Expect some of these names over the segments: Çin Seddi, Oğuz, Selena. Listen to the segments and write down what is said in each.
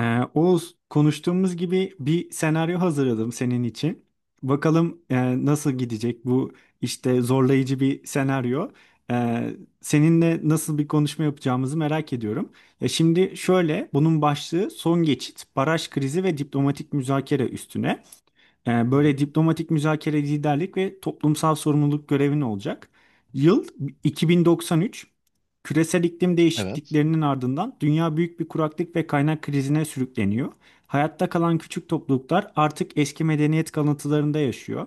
Oğuz, konuştuğumuz gibi bir senaryo hazırladım senin için. Bakalım nasıl gidecek bu işte zorlayıcı bir senaryo. Ee, seninle nasıl bir konuşma yapacağımızı merak ediyorum. Ya şimdi şöyle, bunun başlığı son geçit, baraj krizi ve diplomatik müzakere üstüne. Hı hı. Böyle diplomatik müzakere liderlik ve toplumsal sorumluluk görevin olacak. Yıl 2093. Küresel iklim Evet. değişikliklerinin ardından dünya büyük bir kuraklık ve kaynak krizine sürükleniyor. Hayatta kalan küçük topluluklar artık eski medeniyet kalıntılarında yaşıyor.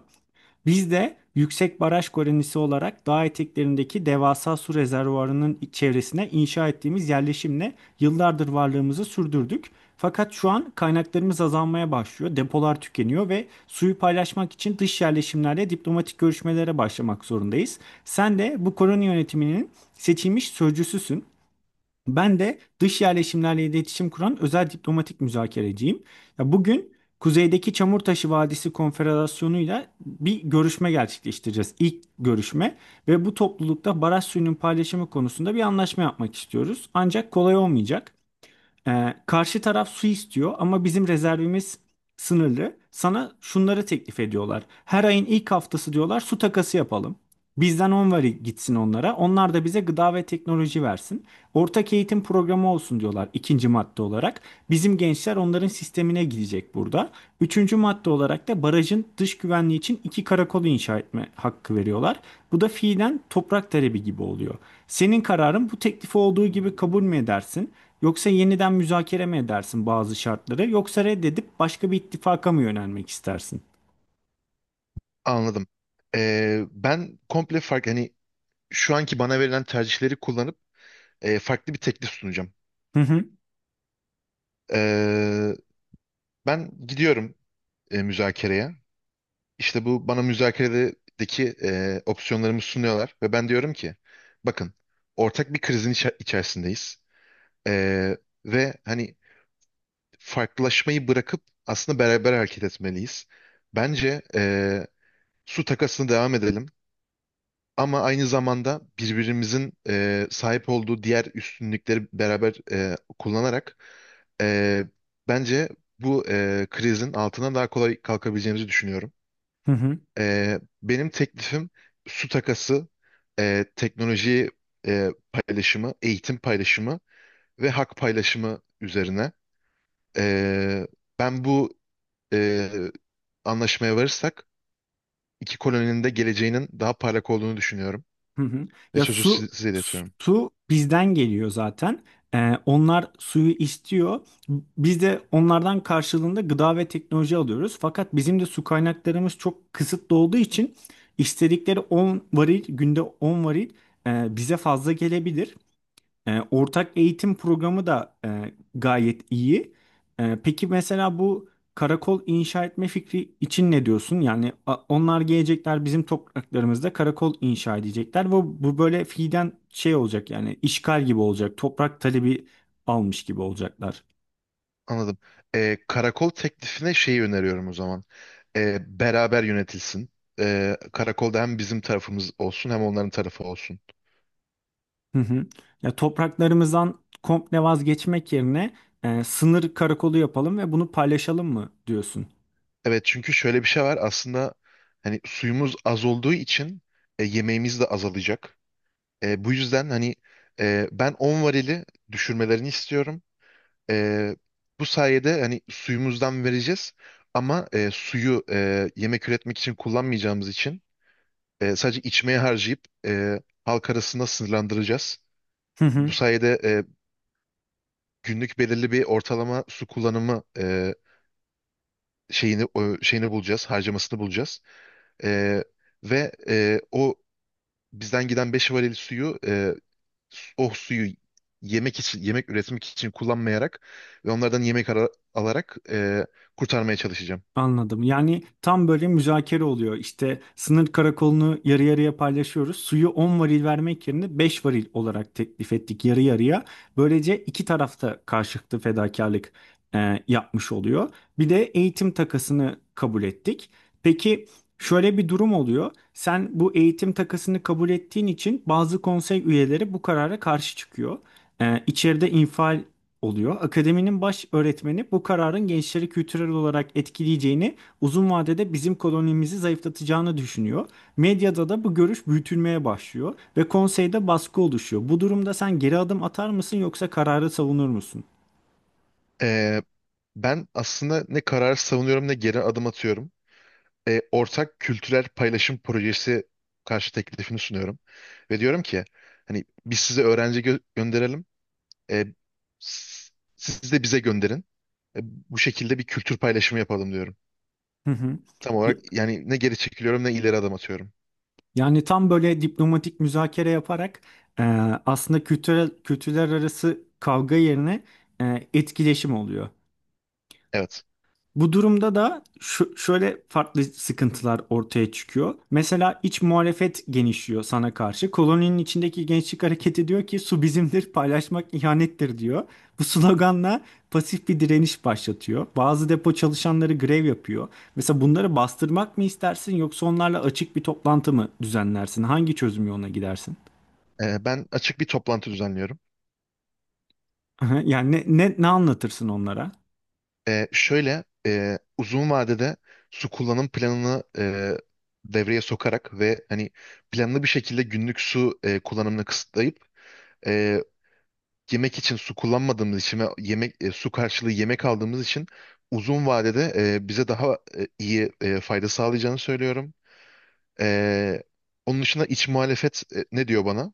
Biz de yüksek baraj kolonisi olarak dağ eteklerindeki devasa su rezervuarının çevresine inşa ettiğimiz yerleşimle yıllardır varlığımızı sürdürdük. Fakat şu an kaynaklarımız azalmaya başlıyor, depolar tükeniyor ve suyu paylaşmak için dış yerleşimlerle diplomatik görüşmelere başlamak zorundayız. Sen de bu koloni yönetiminin seçilmiş sözcüsüsün. Ben de dış yerleşimlerle iletişim kuran özel diplomatik müzakereciyim. Ya bugün kuzeydeki Çamurtaşı Vadisi Konfederasyonu'yla bir görüşme gerçekleştireceğiz. İlk görüşme ve bu toplulukta baraj suyunun paylaşımı konusunda bir anlaşma yapmak istiyoruz. Ancak kolay olmayacak. Karşı taraf su istiyor ama bizim rezervimiz sınırlı. Sana şunları teklif ediyorlar. Her ayın ilk haftası diyorlar su takası yapalım. Bizden 10 var gitsin onlara. Onlar da bize gıda ve teknoloji versin. Ortak eğitim programı olsun diyorlar ikinci madde olarak. Bizim gençler onların sistemine girecek burada. Üçüncü madde olarak da barajın dış güvenliği için iki karakolu inşa etme hakkı veriyorlar. Bu da fiilen toprak talebi gibi oluyor. Senin kararın bu teklifi olduğu gibi kabul mü edersin? Yoksa yeniden müzakere mi edersin bazı şartları? Yoksa reddedip başka bir ittifaka mı yönelmek istersin? Anladım. Ben komple farklı şu anki bana verilen tercihleri kullanıp farklı bir teklif sunacağım. Hı hı. Ee, Ben gidiyorum müzakereye. İşte bu bana müzakeredeki opsiyonlarımı sunuyorlar ve ben diyorum ki bakın ortak bir krizin içerisindeyiz. Ee, ve hani farklılaşmayı bırakıp aslında beraber hareket etmeliyiz. Bence su takasını devam edelim. Ama aynı zamanda birbirimizin sahip olduğu diğer üstünlükleri beraber kullanarak e, bence bu krizin altına daha kolay kalkabileceğimizi düşünüyorum. Hı hı. Benim teklifim su takası, teknoloji paylaşımı, eğitim paylaşımı ve hak paylaşımı üzerine. E, Ben bu e, anlaşmaya varırsak iki koloninin de geleceğinin daha parlak olduğunu düşünüyorum Hı hı. ve Ya sözü su size iletiyorum. su bizden geliyor zaten. Onlar suyu istiyor. Biz de onlardan karşılığında gıda ve teknoloji alıyoruz. Fakat bizim de su kaynaklarımız çok kısıtlı olduğu için istedikleri 10 varil günde 10 varil bize fazla gelebilir. Ortak eğitim programı da gayet iyi. Peki mesela bu karakol inşa etme fikri için ne diyorsun? Yani onlar gelecekler bizim topraklarımızda karakol inşa edecekler ve bu böyle fiilen şey olacak yani işgal gibi olacak. Toprak talebi almış gibi olacaklar. Anladım. Karakol teklifine şeyi öneriyorum o zaman. Beraber yönetilsin. Karakolda hem bizim tarafımız olsun hem onların tarafı olsun. Hı hı. Ya topraklarımızdan komple vazgeçmek yerine sınır karakolu yapalım ve bunu paylaşalım mı diyorsun? Evet, çünkü şöyle bir şey var aslında, hani suyumuz az olduğu için yemeğimiz de azalacak. Bu yüzden ben 10 varili düşürmelerini istiyorum. Ee, Bu sayede hani suyumuzdan vereceğiz ama suyu yemek üretmek için kullanmayacağımız için sadece içmeye harcayıp halk arasında sınırlandıracağız. Bu sayede günlük belirli bir ortalama su kullanımı şeyini bulacağız, harcamasını bulacağız. E, ve o bizden giden 5 varil suyu, o suyu yemek için yemek üretmek için kullanmayarak ve onlardan alarak kurtarmaya çalışacağım. Anladım. Yani tam böyle müzakere oluyor. İşte sınır karakolunu yarı yarıya paylaşıyoruz. Suyu 10 varil vermek yerine 5 varil olarak teklif ettik yarı yarıya. Böylece iki tarafta karşılıklı fedakarlık yapmış oluyor. Bir de eğitim takasını kabul ettik. Peki şöyle bir durum oluyor. Sen bu eğitim takasını kabul ettiğin için bazı konsey üyeleri bu karara karşı çıkıyor. İçeride infial oluyor. Akademinin baş öğretmeni bu kararın gençleri kültürel olarak etkileyeceğini, uzun vadede bizim kolonimizi zayıflatacağını düşünüyor. Medyada da bu görüş büyütülmeye başlıyor ve konseyde baskı oluşuyor. Bu durumda sen geri adım atar mısın yoksa kararı savunur musun? Ee, Ben aslında ne karar savunuyorum ne geri adım atıyorum. Ortak kültürel paylaşım projesi karşı teklifini sunuyorum. Ve diyorum ki hani biz size gönderelim. Ee, s- Siz de bize gönderin. Bu şekilde bir kültür paylaşımı yapalım diyorum. Hı hı. Tam olarak Y- yani ne geri çekiliyorum ne ileri adım atıyorum. Yani tam böyle diplomatik müzakere yaparak e, aslında kültürel kültürler arası kavga yerine etkileşim oluyor. Evet. Bu durumda da şu, şöyle farklı sıkıntılar ortaya çıkıyor. Mesela iç muhalefet genişliyor sana karşı. Koloninin içindeki gençlik hareketi diyor ki su bizimdir, paylaşmak ihanettir diyor. Bu sloganla pasif bir direniş başlatıyor. Bazı depo çalışanları grev yapıyor. Mesela bunları bastırmak mı istersin yoksa onlarla açık bir toplantı mı düzenlersin? Hangi çözüm yoluna gidersin? Ben açık bir toplantı düzenliyorum. Yani ne anlatırsın onlara? Şöyle uzun vadede su kullanım planını devreye sokarak ve hani planlı bir şekilde günlük su kullanımını kısıtlayıp e, yemek için su kullanmadığımız için ve su karşılığı yemek aldığımız için uzun vadede bize daha iyi fayda sağlayacağını söylüyorum. E, Onun dışında iç muhalefet ne diyor bana?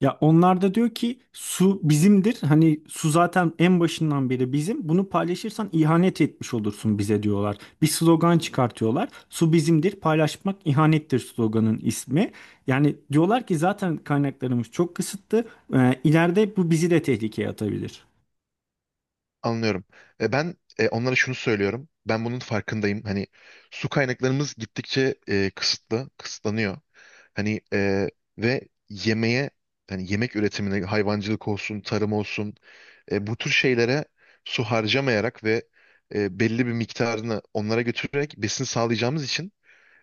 Ya onlar da diyor ki su bizimdir. Hani su zaten en başından beri bizim. Bunu paylaşırsan ihanet etmiş olursun bize diyorlar. Bir slogan çıkartıyorlar. Su bizimdir, paylaşmak ihanettir sloganın ismi. Yani diyorlar ki zaten kaynaklarımız çok kısıtlı. İleride bu bizi de tehlikeye atabilir. Anlıyorum. Onlara şunu söylüyorum. Ben bunun farkındayım. Hani Su kaynaklarımız gittikçe kısıtlanıyor. Hani e, ve yemeğe, hani yemek üretimine, hayvancılık olsun, tarım olsun, bu tür şeylere su harcamayarak ve belli bir miktarını onlara götürerek besin sağlayacağımız için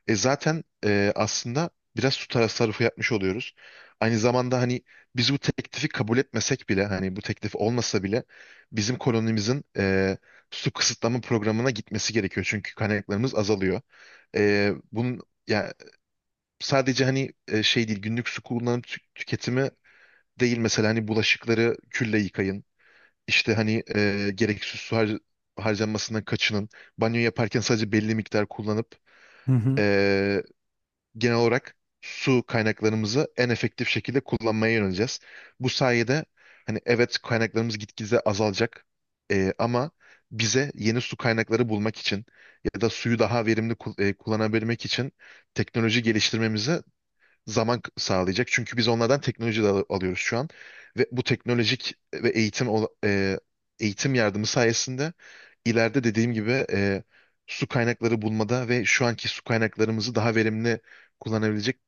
aslında biraz su tasarrufu yapmış oluyoruz. Aynı zamanda hani biz bu teklifi kabul etmesek bile, hani bu teklif olmasa bile bizim kolonimizin su kısıtlama programına gitmesi gerekiyor. Çünkü kaynaklarımız azalıyor. Bunun ya sadece şey değil, günlük su tüketimi değil, mesela hani bulaşıkları külle yıkayın. İşte gereksiz harcanmasından kaçının. Banyo yaparken sadece belli miktar kullanıp Hı hı. e, genel olarak su kaynaklarımızı en efektif şekilde kullanmaya yöneleceğiz. Bu sayede hani evet kaynaklarımız gitgide azalacak, ama bize yeni su kaynakları bulmak için ya da suyu daha verimli kullanabilmek için teknoloji geliştirmemize sağlayacak. Çünkü biz onlardan teknoloji de alıyoruz şu an. Ve bu teknolojik ve eğitim yardımı sayesinde ileride dediğim gibi su kaynakları bulmada ve şu anki su kaynaklarımızı daha verimli kullanabilecek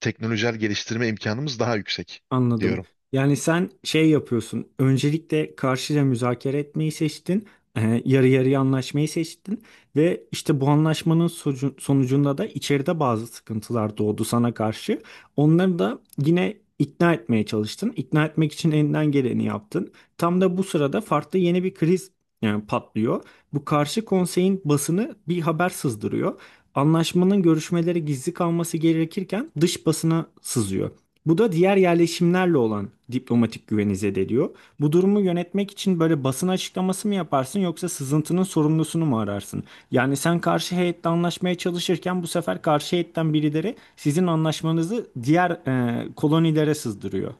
teknolojik geliştirme imkanımız daha yüksek Anladım. diyorum. Yani sen şey yapıyorsun. Öncelikle karşıyla müzakere etmeyi seçtin. Yarı yarıya anlaşmayı seçtin. Ve işte bu anlaşmanın sonucunda da içeride bazı sıkıntılar doğdu sana karşı. Onları da yine ikna etmeye çalıştın. İkna etmek için elinden geleni yaptın. Tam da bu sırada farklı yeni bir kriz yani patlıyor. Bu karşı konseyin basını bir haber sızdırıyor. Anlaşmanın görüşmeleri gizli kalması gerekirken dış basına sızıyor. Bu da diğer yerleşimlerle olan diplomatik güveni zedeliyor. Bu durumu yönetmek için böyle basın açıklaması mı yaparsın yoksa sızıntının sorumlusunu mu ararsın? Yani sen karşı heyetle anlaşmaya çalışırken bu sefer karşı heyetten birileri sizin anlaşmanızı diğer kolonilere sızdırıyor.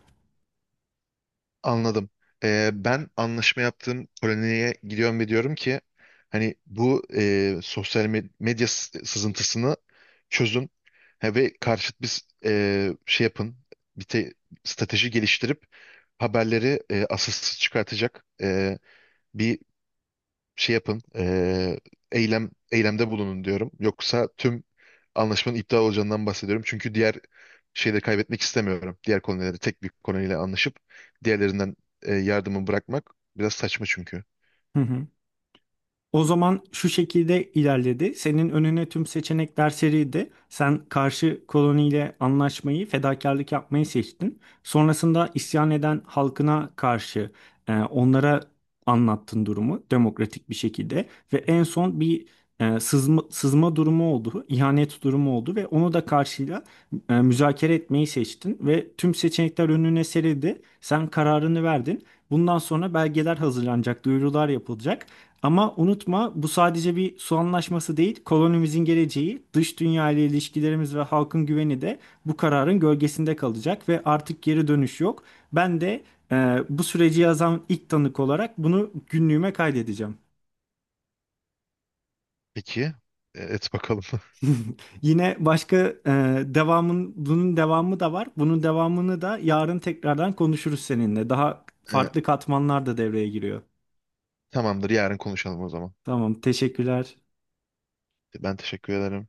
Anladım. Ben anlaşma yaptığım koloniye gidiyorum ve diyorum ki hani bu sosyal medya sızıntısını çözün. Ha, ve karşıt bir şey yapın. Bir te- strateji geliştirip haberleri asılsız çıkartacak bir şey yapın, eylemde bulunun diyorum. Yoksa tüm anlaşmanın iptal olacağından bahsediyorum. Çünkü diğer şeyleri kaybetmek istemiyorum. Diğer kolonileri tek bir koloniyle anlaşıp diğerlerinden yardımı bırakmak biraz saçma çünkü. Hı hı. O zaman şu şekilde ilerledi. Senin önüne tüm seçenekler serildi. Sen karşı koloniyle anlaşmayı, fedakarlık yapmayı seçtin. Sonrasında isyan eden halkına karşı onlara anlattın durumu demokratik bir şekilde. Ve en son bir sızma durumu oldu, ihanet durumu oldu ve onu da karşıyla müzakere etmeyi seçtin. Ve tüm seçenekler önüne serildi. Sen kararını verdin. Bundan sonra belgeler hazırlanacak, duyurular yapılacak. Ama unutma bu sadece bir su anlaşması değil, kolonimizin geleceği, dış dünya ile ilişkilerimiz ve halkın güveni de bu kararın gölgesinde kalacak ve artık geri dönüş yok. Ben de bu süreci yazan ilk tanık olarak bunu günlüğüme kaydedeceğim. Peki, et bakalım. Yine başka e, devamın bunun devamı da var. Bunun devamını da yarın tekrardan konuşuruz seninle. Daha E, farklı katmanlar da devreye giriyor. Tamamdır, yarın konuşalım o zaman. Tamam, teşekkürler. Ben teşekkür ederim.